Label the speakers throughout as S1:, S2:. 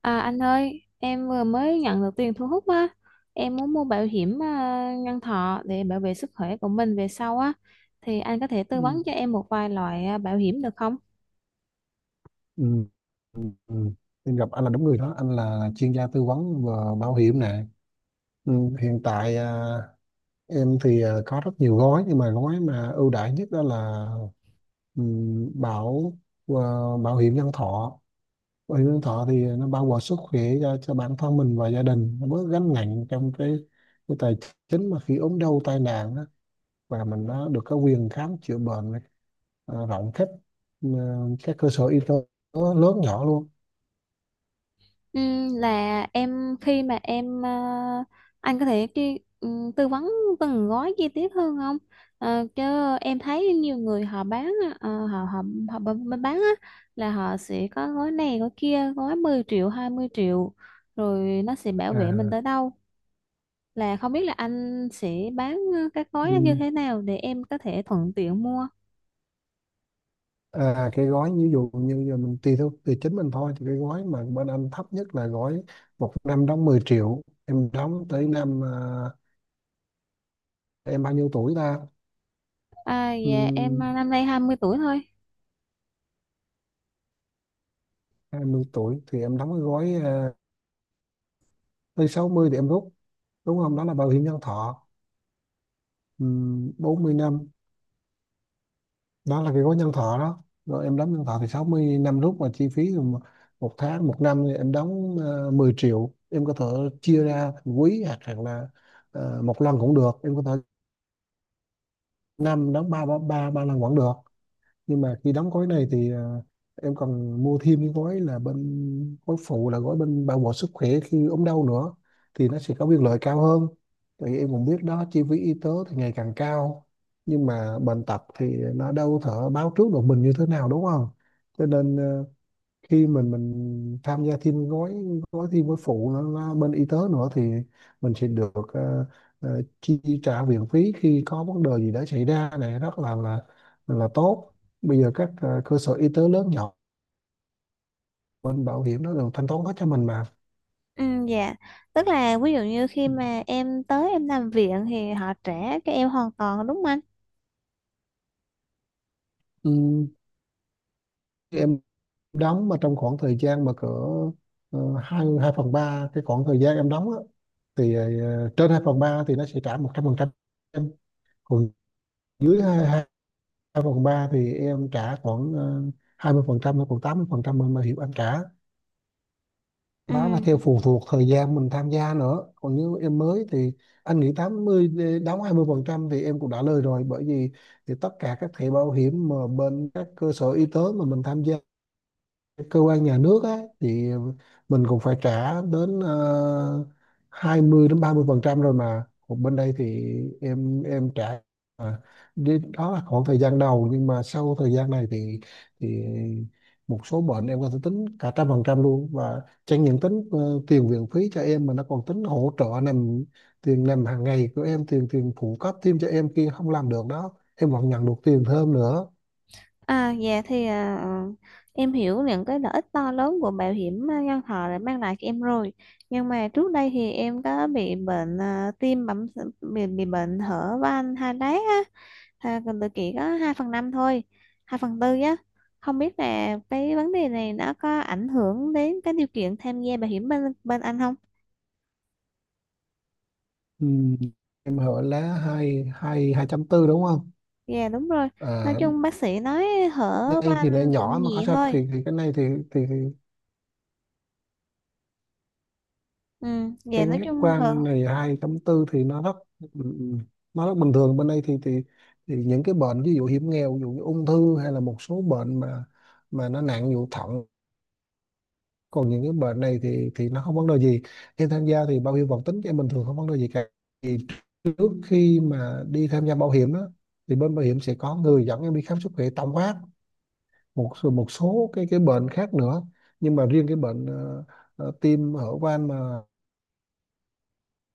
S1: À, anh ơi, em vừa mới nhận được tiền thu hút á. Em muốn mua bảo hiểm nhân thọ để bảo vệ sức khỏe của mình về sau á. Thì anh có thể tư
S2: Ừ.
S1: vấn cho em một vài loại bảo hiểm được không?
S2: Ừ. Ừ. Ừ. Em gặp anh là đúng người đó, anh là chuyên gia tư vấn về bảo hiểm nè. Ừ. Hiện tại em thì có rất nhiều gói, nhưng mà gói mà ưu đãi nhất đó là ừ, bảo à, bảo hiểm nhân thọ. Bảo hiểm nhân thọ thì nó bao gồm sức khỏe cho, bản thân mình và gia đình, nó bớt gánh nặng trong cái tài chính mà khi ốm đau tai nạn á, và mình nó được có quyền khám chữa bệnh rộng khắp ừ, các cơ sở y tế lớn nhỏ luôn.
S1: Là em khi mà em à, Anh có thể tư vấn từng gói chi tiết hơn không? Chứ em thấy nhiều người họ bán á, ờ, họ họ họ b- bán á là họ sẽ có gói này gói kia gói 10 triệu 20 triệu rồi nó sẽ bảo vệ mình
S2: à,
S1: tới đâu là không biết là anh sẽ bán các gói đó như
S2: ừ,
S1: thế nào để em có thể thuận tiện mua.
S2: À, cái gói ví dụ như giờ mình tùy theo, tùy chính mình thôi, thì cái gói mà bên anh thấp nhất là gói một năm đóng 10 triệu, em đóng tới năm em bao nhiêu tuổi ta?
S1: À, dạ, em
S2: um,
S1: năm nay 20 tuổi thôi.
S2: 20 tuổi thì em đóng cái gói tới 60 thì em rút, đúng không? Đó là bảo hiểm nhân thọ. 40 năm, đó là cái gói nhân thọ đó. Rồi em đóng nhân thọ thì 60 năm rút, mà chi phí thì một một tháng, một năm thì em đóng 10 triệu. Em có thể chia ra thành quý, hoặc là một lần cũng được. Em có thể năm đóng ba ba ba ba lần vẫn được. Nhưng mà khi đóng gói này thì em còn mua thêm cái gói là bên gói phụ, là gói bên bảo hộ sức khỏe khi ốm đau nữa, thì nó sẽ có biên lợi cao hơn. Tại vì em cũng biết đó, chi phí y tế thì ngày càng cao, nhưng mà bệnh tật thì nó đâu thể báo trước được mình như thế nào, đúng không? Cho nên khi mình tham gia thêm gói, gói thêm gói phụ nó bên y tế nữa, thì mình sẽ được chi trả viện phí khi có vấn đề gì đã xảy ra, này rất là tốt. Bây giờ các cơ sở y tế lớn nhỏ, bên bảo hiểm nó đều thanh toán hết cho mình mà.
S1: Ừ, dạ, tức là ví dụ như khi mà em tới em nằm viện thì họ trả cho em hoàn toàn đúng không anh?
S2: Ừ, em đóng mà trong khoảng thời gian mà cỡ hai hai phần ba cái khoảng thời gian em đóng á, thì trên 2 phần 3 thì nó sẽ trả 100%. Em còn dưới hai, hai phần ba thì em trả khoảng 20%, hay khoảng 80% mình bảo hiểm anh trả. Đó là
S1: Ừ.
S2: theo phụ thuộc thời gian mình tham gia nữa. Còn nếu em mới thì anh nghĩ 80 đi- đóng 20% thì em cũng đã lời rồi, bởi vì thì tất cả các thẻ bảo hiểm mà bên các cơ sở y tế mà mình tham gia cơ quan nhà nước á, thì mình cũng phải trả đến 20 đến 30% rồi, mà còn bên đây thì em trả mà. Đi- đó là khoảng thời gian đầu, nhưng mà sau thời gian này thì thì một số bệnh em có thể tính cả 100% luôn, và chẳng những tính tiền viện phí cho em, mà nó còn tính hỗ trợ nằm, tiền nằm hàng ngày của em, tiền tiền phụ cấp thêm cho em khi không làm được đó, em vẫn nhận được tiền thêm nữa.
S1: À, dạ, thì em hiểu những cái lợi ích to lớn của bảo hiểm nhân thọ đã mang lại cho em rồi. Nhưng mà trước đây thì em có bị bệnh tim bị bệnh hở van hai đát á. Còn tụi chị có 2/5 thôi, 2/4 á. Không biết là cái vấn đề này nó có ảnh hưởng đến cái điều kiện tham gia bảo hiểm bên bên anh không?
S2: Ừ, em hỏi lá hai hai hai trăm tư đúng không?
S1: Dạ đúng rồi. Nói
S2: À,
S1: chung bác sĩ nói hở
S2: đây thì là
S1: anh
S2: nhỏ
S1: cũng
S2: mà có
S1: nhẹ
S2: sao,
S1: thôi.
S2: thì cái này thì thì
S1: Ừ. Dạ
S2: cái
S1: nói
S2: nhất
S1: chung
S2: quan
S1: hở.
S2: này, hai trăm tư thì nó rất nó rất bình thường. Bên đây thì thì những cái bệnh ví dụ hiểm nghèo, ví dụ như ung thư, hay là một số bệnh mà nó nặng, ví dụ thận. Còn những cái bệnh này thì nó không vấn đề gì, khi tham gia thì bảo hiểm vẫn tính cho em bình thường, không vấn đề gì cả. Thì trước khi mà đi tham gia bảo hiểm đó, thì bên bảo hiểm sẽ có người dẫn em đi khám sức khỏe tổng quát, một số cái bệnh khác nữa. Nhưng mà riêng cái bệnh tim hở van mà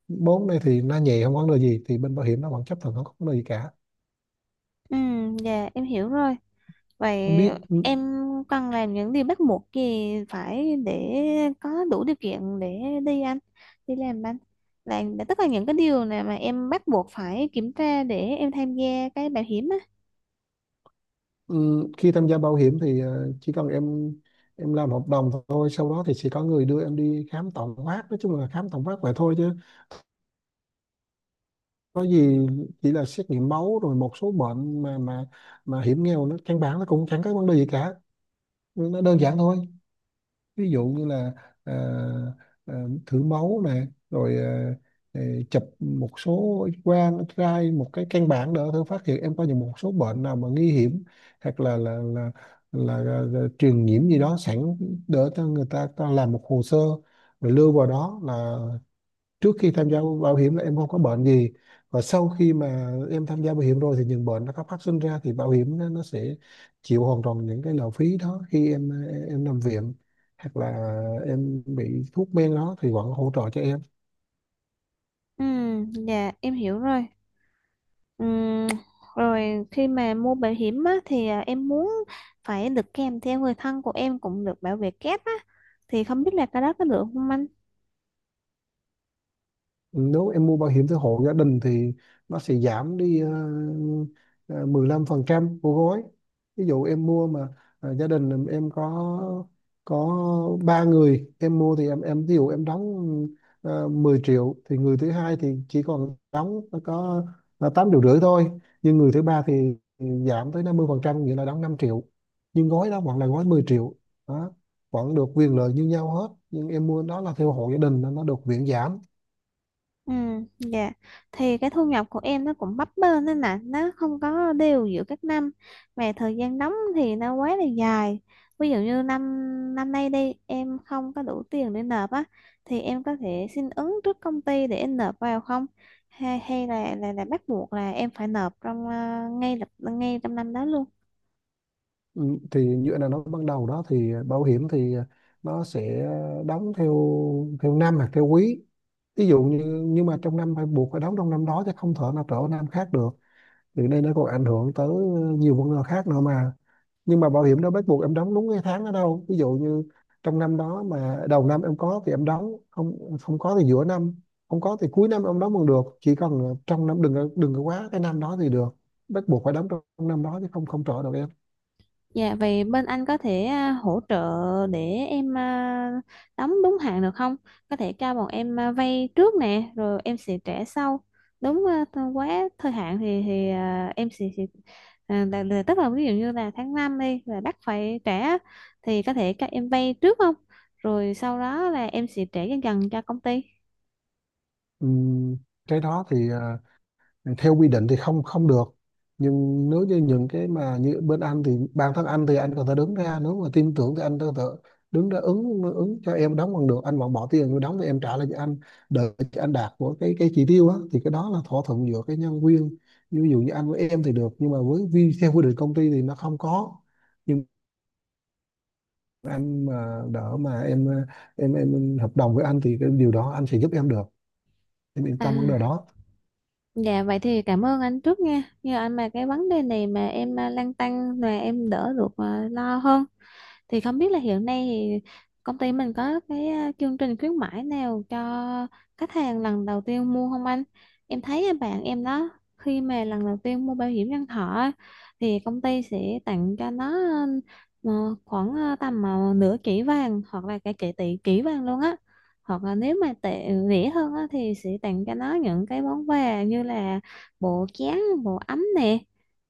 S2: bốn này thì nó nhẹ, không có vấn đề gì, thì bên bảo hiểm nó vẫn chấp thuận, không có vấn đề gì cả.
S1: Ừ. Dạ em hiểu rồi. Vậy
S2: Không biết
S1: em cần làm những điều bắt buộc gì phải để có đủ điều kiện để đi anh đi làm anh, là tất cả những cái điều này mà em bắt buộc phải kiểm tra để em tham gia cái bảo hiểm á?
S2: ừ, khi tham gia bảo hiểm thì chỉ cần em làm hợp đồng thôi. Sau đó thì sẽ có người đưa em đi khám tổng quát, nói chung là khám tổng quát vậy thôi, chứ có gì, chỉ là xét nghiệm máu rồi một số bệnh mà mà hiểm nghèo, nó căn bản nó cũng chẳng có vấn đề gì cả, nó đơn giản thôi. Ví dụ như là ờ, ờ, thử máu nè, rồi ờ, chụp một số X-quang, X-ray, một cái căn bản để thử phát hiện em có những một số bệnh nào mà nguy hiểm, hoặc là là truyền nhiễm gì đó sẵn, để cho người ta ta làm một hồ sơ, rồi lưu vào đó, là trước khi tham gia bảo hiểm là em không có bệnh gì. Và sau khi mà em tham gia bảo hiểm rồi thì những bệnh nó có phát sinh ra, thì bảo hiểm nó sẽ chịu hoàn toàn những cái lộ phí đó, khi em nằm viện, hoặc là em bị thuốc men đó thì vẫn hỗ trợ cho em.
S1: Ừ, dạ em hiểu rồi. Ừm, Rồi khi mà mua bảo hiểm á, thì em muốn phải được kèm theo người thân của em cũng được bảo vệ kép á. Thì không biết là cái đó có được không anh?
S2: Nếu em mua bảo hiểm theo hộ gia đình thì nó sẽ giảm đi ờ, 15% của gói. Ví dụ em mua mà gia đình em có ba người em mua, thì em ví dụ em đóng 10 triệu, thì người thứ hai thì chỉ còn đóng có là 8 triệu rưỡi thôi. Nhưng người thứ ba thì giảm tới 50%, nghĩa là đóng 5 triệu. Nhưng gói đó vẫn là gói 10 triệu đó, vẫn được quyền lợi như nhau hết, nhưng em mua đó là theo hộ gia đình nên nó được miễn giảm.
S1: Ừ, dạ. Thì cái thu nhập của em nó cũng bấp bênh nên là nó không có đều giữa các năm mà thời gian đóng thì nó quá là dài. Ví dụ như năm năm nay đi em không có đủ tiền để nộp á, thì em có thể xin ứng trước công ty để em nộp vào không? Hay hay là bắt buộc là em phải nộp trong ngay trong năm đó luôn?
S2: Ừ, thì như anh đã nói ban đầu đó, thì bảo hiểm thì nó sẽ đóng theo, theo năm hoặc theo quý, ví dụ như. Nhưng mà trong năm phải buộc phải đóng trong năm đó, chứ không thể nào trở năm khác được, thì đây nó còn ảnh hưởng tới nhiều vấn đề khác nữa mà. Nhưng mà bảo hiểm đâu bắt buộc em đóng đúng cái tháng đó đâu. Ví dụ như trong năm đó, mà đầu năm em có thì em đóng, không không có thì giữa năm, không có thì cuối năm em đóng còn được, chỉ cần trong năm đừng có- đừng có quá cái năm đó thì được. Bắt buộc phải đóng trong năm đó chứ không không trở được.
S1: Dạ, vậy bên anh có thể hỗ trợ để em đóng đúng hạn được không? Có thể cho bọn em vay trước nè, rồi em sẽ trả sau. Đúng quá thời hạn thì em sẽ, tức là ví dụ như là tháng 5 đi là bắt phải trả, thì có thể các em vay trước không? Rồi sau đó là em sẽ trả dần dần cho công ty.
S2: Ừm, cái đó thì theo quy định thì không không được. Nhưng nếu như những cái mà như bên anh, thì bản thân anh thì anh có thể đứng ra, nếu mà tin tưởng thì anh có thể đứng ra ứng ứng cho em đóng bằng được, anh vẫn bỏ tiền vô đóng thì em trả lại cho anh, đợi cho anh đạt của cái chỉ tiêu á, thì cái đó là thỏa thuận giữa cái nhân viên. Như ví dụ như anh với em thì được, nhưng mà với vi theo quy định công ty thì nó không có. Nhưng anh mà đỡ mà em, em hợp đồng với anh thì cái điều đó anh sẽ giúp em được, em yên
S1: À,
S2: tâm vấn đề đó.
S1: dạ vậy thì cảm ơn anh trước nha. Nhờ anh mà cái vấn đề này mà em lăn tăn mà em đỡ được lo hơn. Thì không biết là hiện nay thì công ty mình có cái chương trình khuyến mãi nào cho khách hàng lần đầu tiên mua không anh? Em thấy bạn em đó, khi mà lần đầu tiên mua bảo hiểm nhân thọ á, thì công ty sẽ tặng cho nó khoảng tầm nửa chỉ vàng hoặc là cả chỉ tỷ chỉ vàng luôn á. Hoặc là nếu mà tệ rẻ hơn á, thì sẽ tặng cho nó những cái món quà như là bộ chén, bộ ấm nè.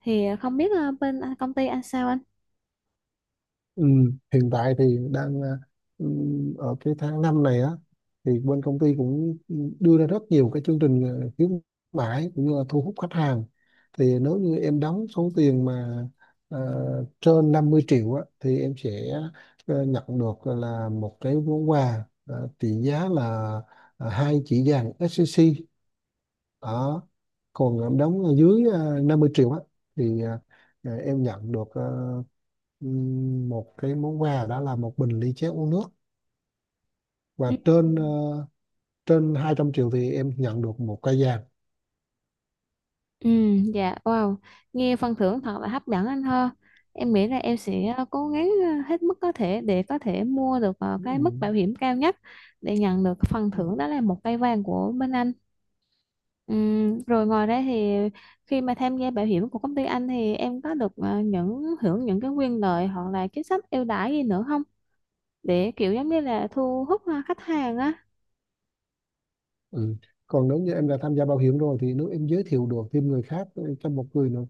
S1: Thì không biết bên công ty anh sao anh?
S2: Ừ, hiện tại thì đang ở cái tháng 5 này á, thì bên công ty cũng đưa ra rất nhiều cái chương trình khuyến mãi, cũng như là thu hút khách hàng. Thì nếu như em đóng số tiền mà à, trên 50 triệu á, thì em sẽ nhận được là một cái món quà trị giá là 2 chỉ vàng SCC đó. Còn em đóng ở dưới 50 triệu á, thì em nhận được một cái món quà, đó là một bình ly chế uống nước. Và
S1: Ừ.
S2: trên trên 200 triệu thì em nhận được một cây vàng.
S1: Ừ, dạ, wow, nghe phần thưởng thật là hấp dẫn anh ha. Em nghĩ là em sẽ cố gắng hết mức có thể để có thể mua được cái mức bảo
S2: Ừm,
S1: hiểm cao nhất để nhận được phần thưởng đó là một cây vàng của bên anh. Rồi ngoài ra thì khi mà tham gia bảo hiểm của công ty anh thì em có được những hưởng những cái quyền lợi hoặc là chính sách ưu đãi gì nữa không? Để kiểu giống như là thu hút khách hàng á.
S2: ừ. Còn nếu như em đã tham gia bảo hiểm rồi, thì nếu em giới thiệu được thêm người khác, cho một người nữa,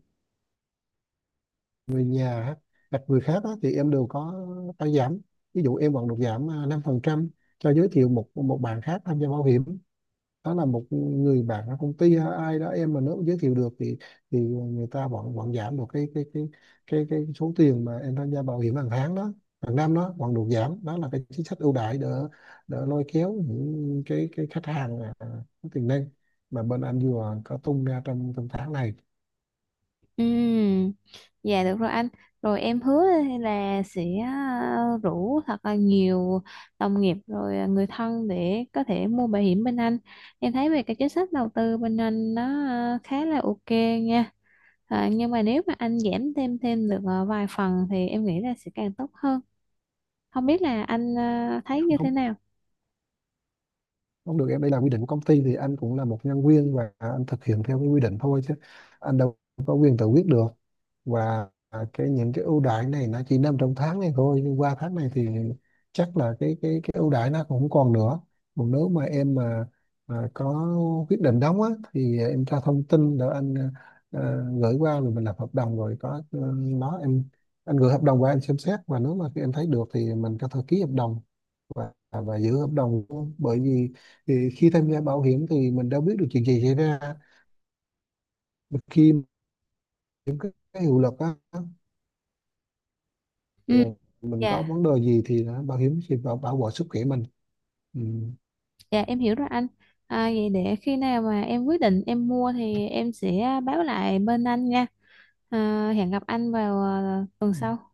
S2: người nhà á, hoặc người khác á, thì em đều có phải giảm. Ví dụ em vẫn được giảm 5% cho giới thiệu một một bạn khác tham gia bảo hiểm. Đó là một người bạn ở công ty hay ai đó, em mà nếu giới thiệu được, thì người ta vẫn vẫn giảm được cái số tiền mà em tham gia bảo hiểm hàng tháng đó, hàng năm đó vẫn được giảm. Đó là cái chính sách ưu đãi, để lôi kéo những cái khách hàng có tiềm năng mà bên anh vừa có tung ra trong trong tháng này.
S1: Ừ, dạ được rồi anh. Rồi em hứa là sẽ rủ thật là nhiều đồng nghiệp rồi người thân để có thể mua bảo hiểm bên anh. Em thấy về cái chính sách đầu tư bên anh nó khá là ok nha. À, nhưng mà nếu mà anh giảm thêm thêm được vài phần thì em nghĩ là sẽ càng tốt hơn. Không biết là anh thấy như
S2: Không,
S1: thế nào?
S2: không được em, đây là quy định của công ty, thì anh cũng là một nhân viên và anh thực hiện theo cái quy định thôi, chứ anh đâu có quyền tự quyết được. Và cái những cái ưu đãi này nó chỉ nằm trong tháng này thôi, nhưng qua tháng này thì chắc là cái ưu đãi nó cũng không còn nữa. Còn nếu mà em mà có quyết định đóng á, thì em cho thông tin để anh gửi qua, rồi mình lập hợp đồng rồi có ờ, nó em anh gửi hợp đồng qua, anh xem xét, và nếu mà em thấy được thì mình có thể ký hợp đồng và giữ hợp đồng luôn. Bởi vì thì khi tham gia bảo hiểm thì mình đâu biết được chuyện gì xảy ra. Mà khi những cái hiệu lực á, thì
S1: Ừ,
S2: mình có
S1: dạ.
S2: vấn đề gì thì bảo hiểm sẽ bảo bảo vệ sức khỏe mình.
S1: Dạ em hiểu rồi anh. À, vậy để khi nào mà em quyết định em mua thì em sẽ báo lại bên anh nha. À, hẹn gặp anh vào tuần
S2: Ừ.
S1: sau.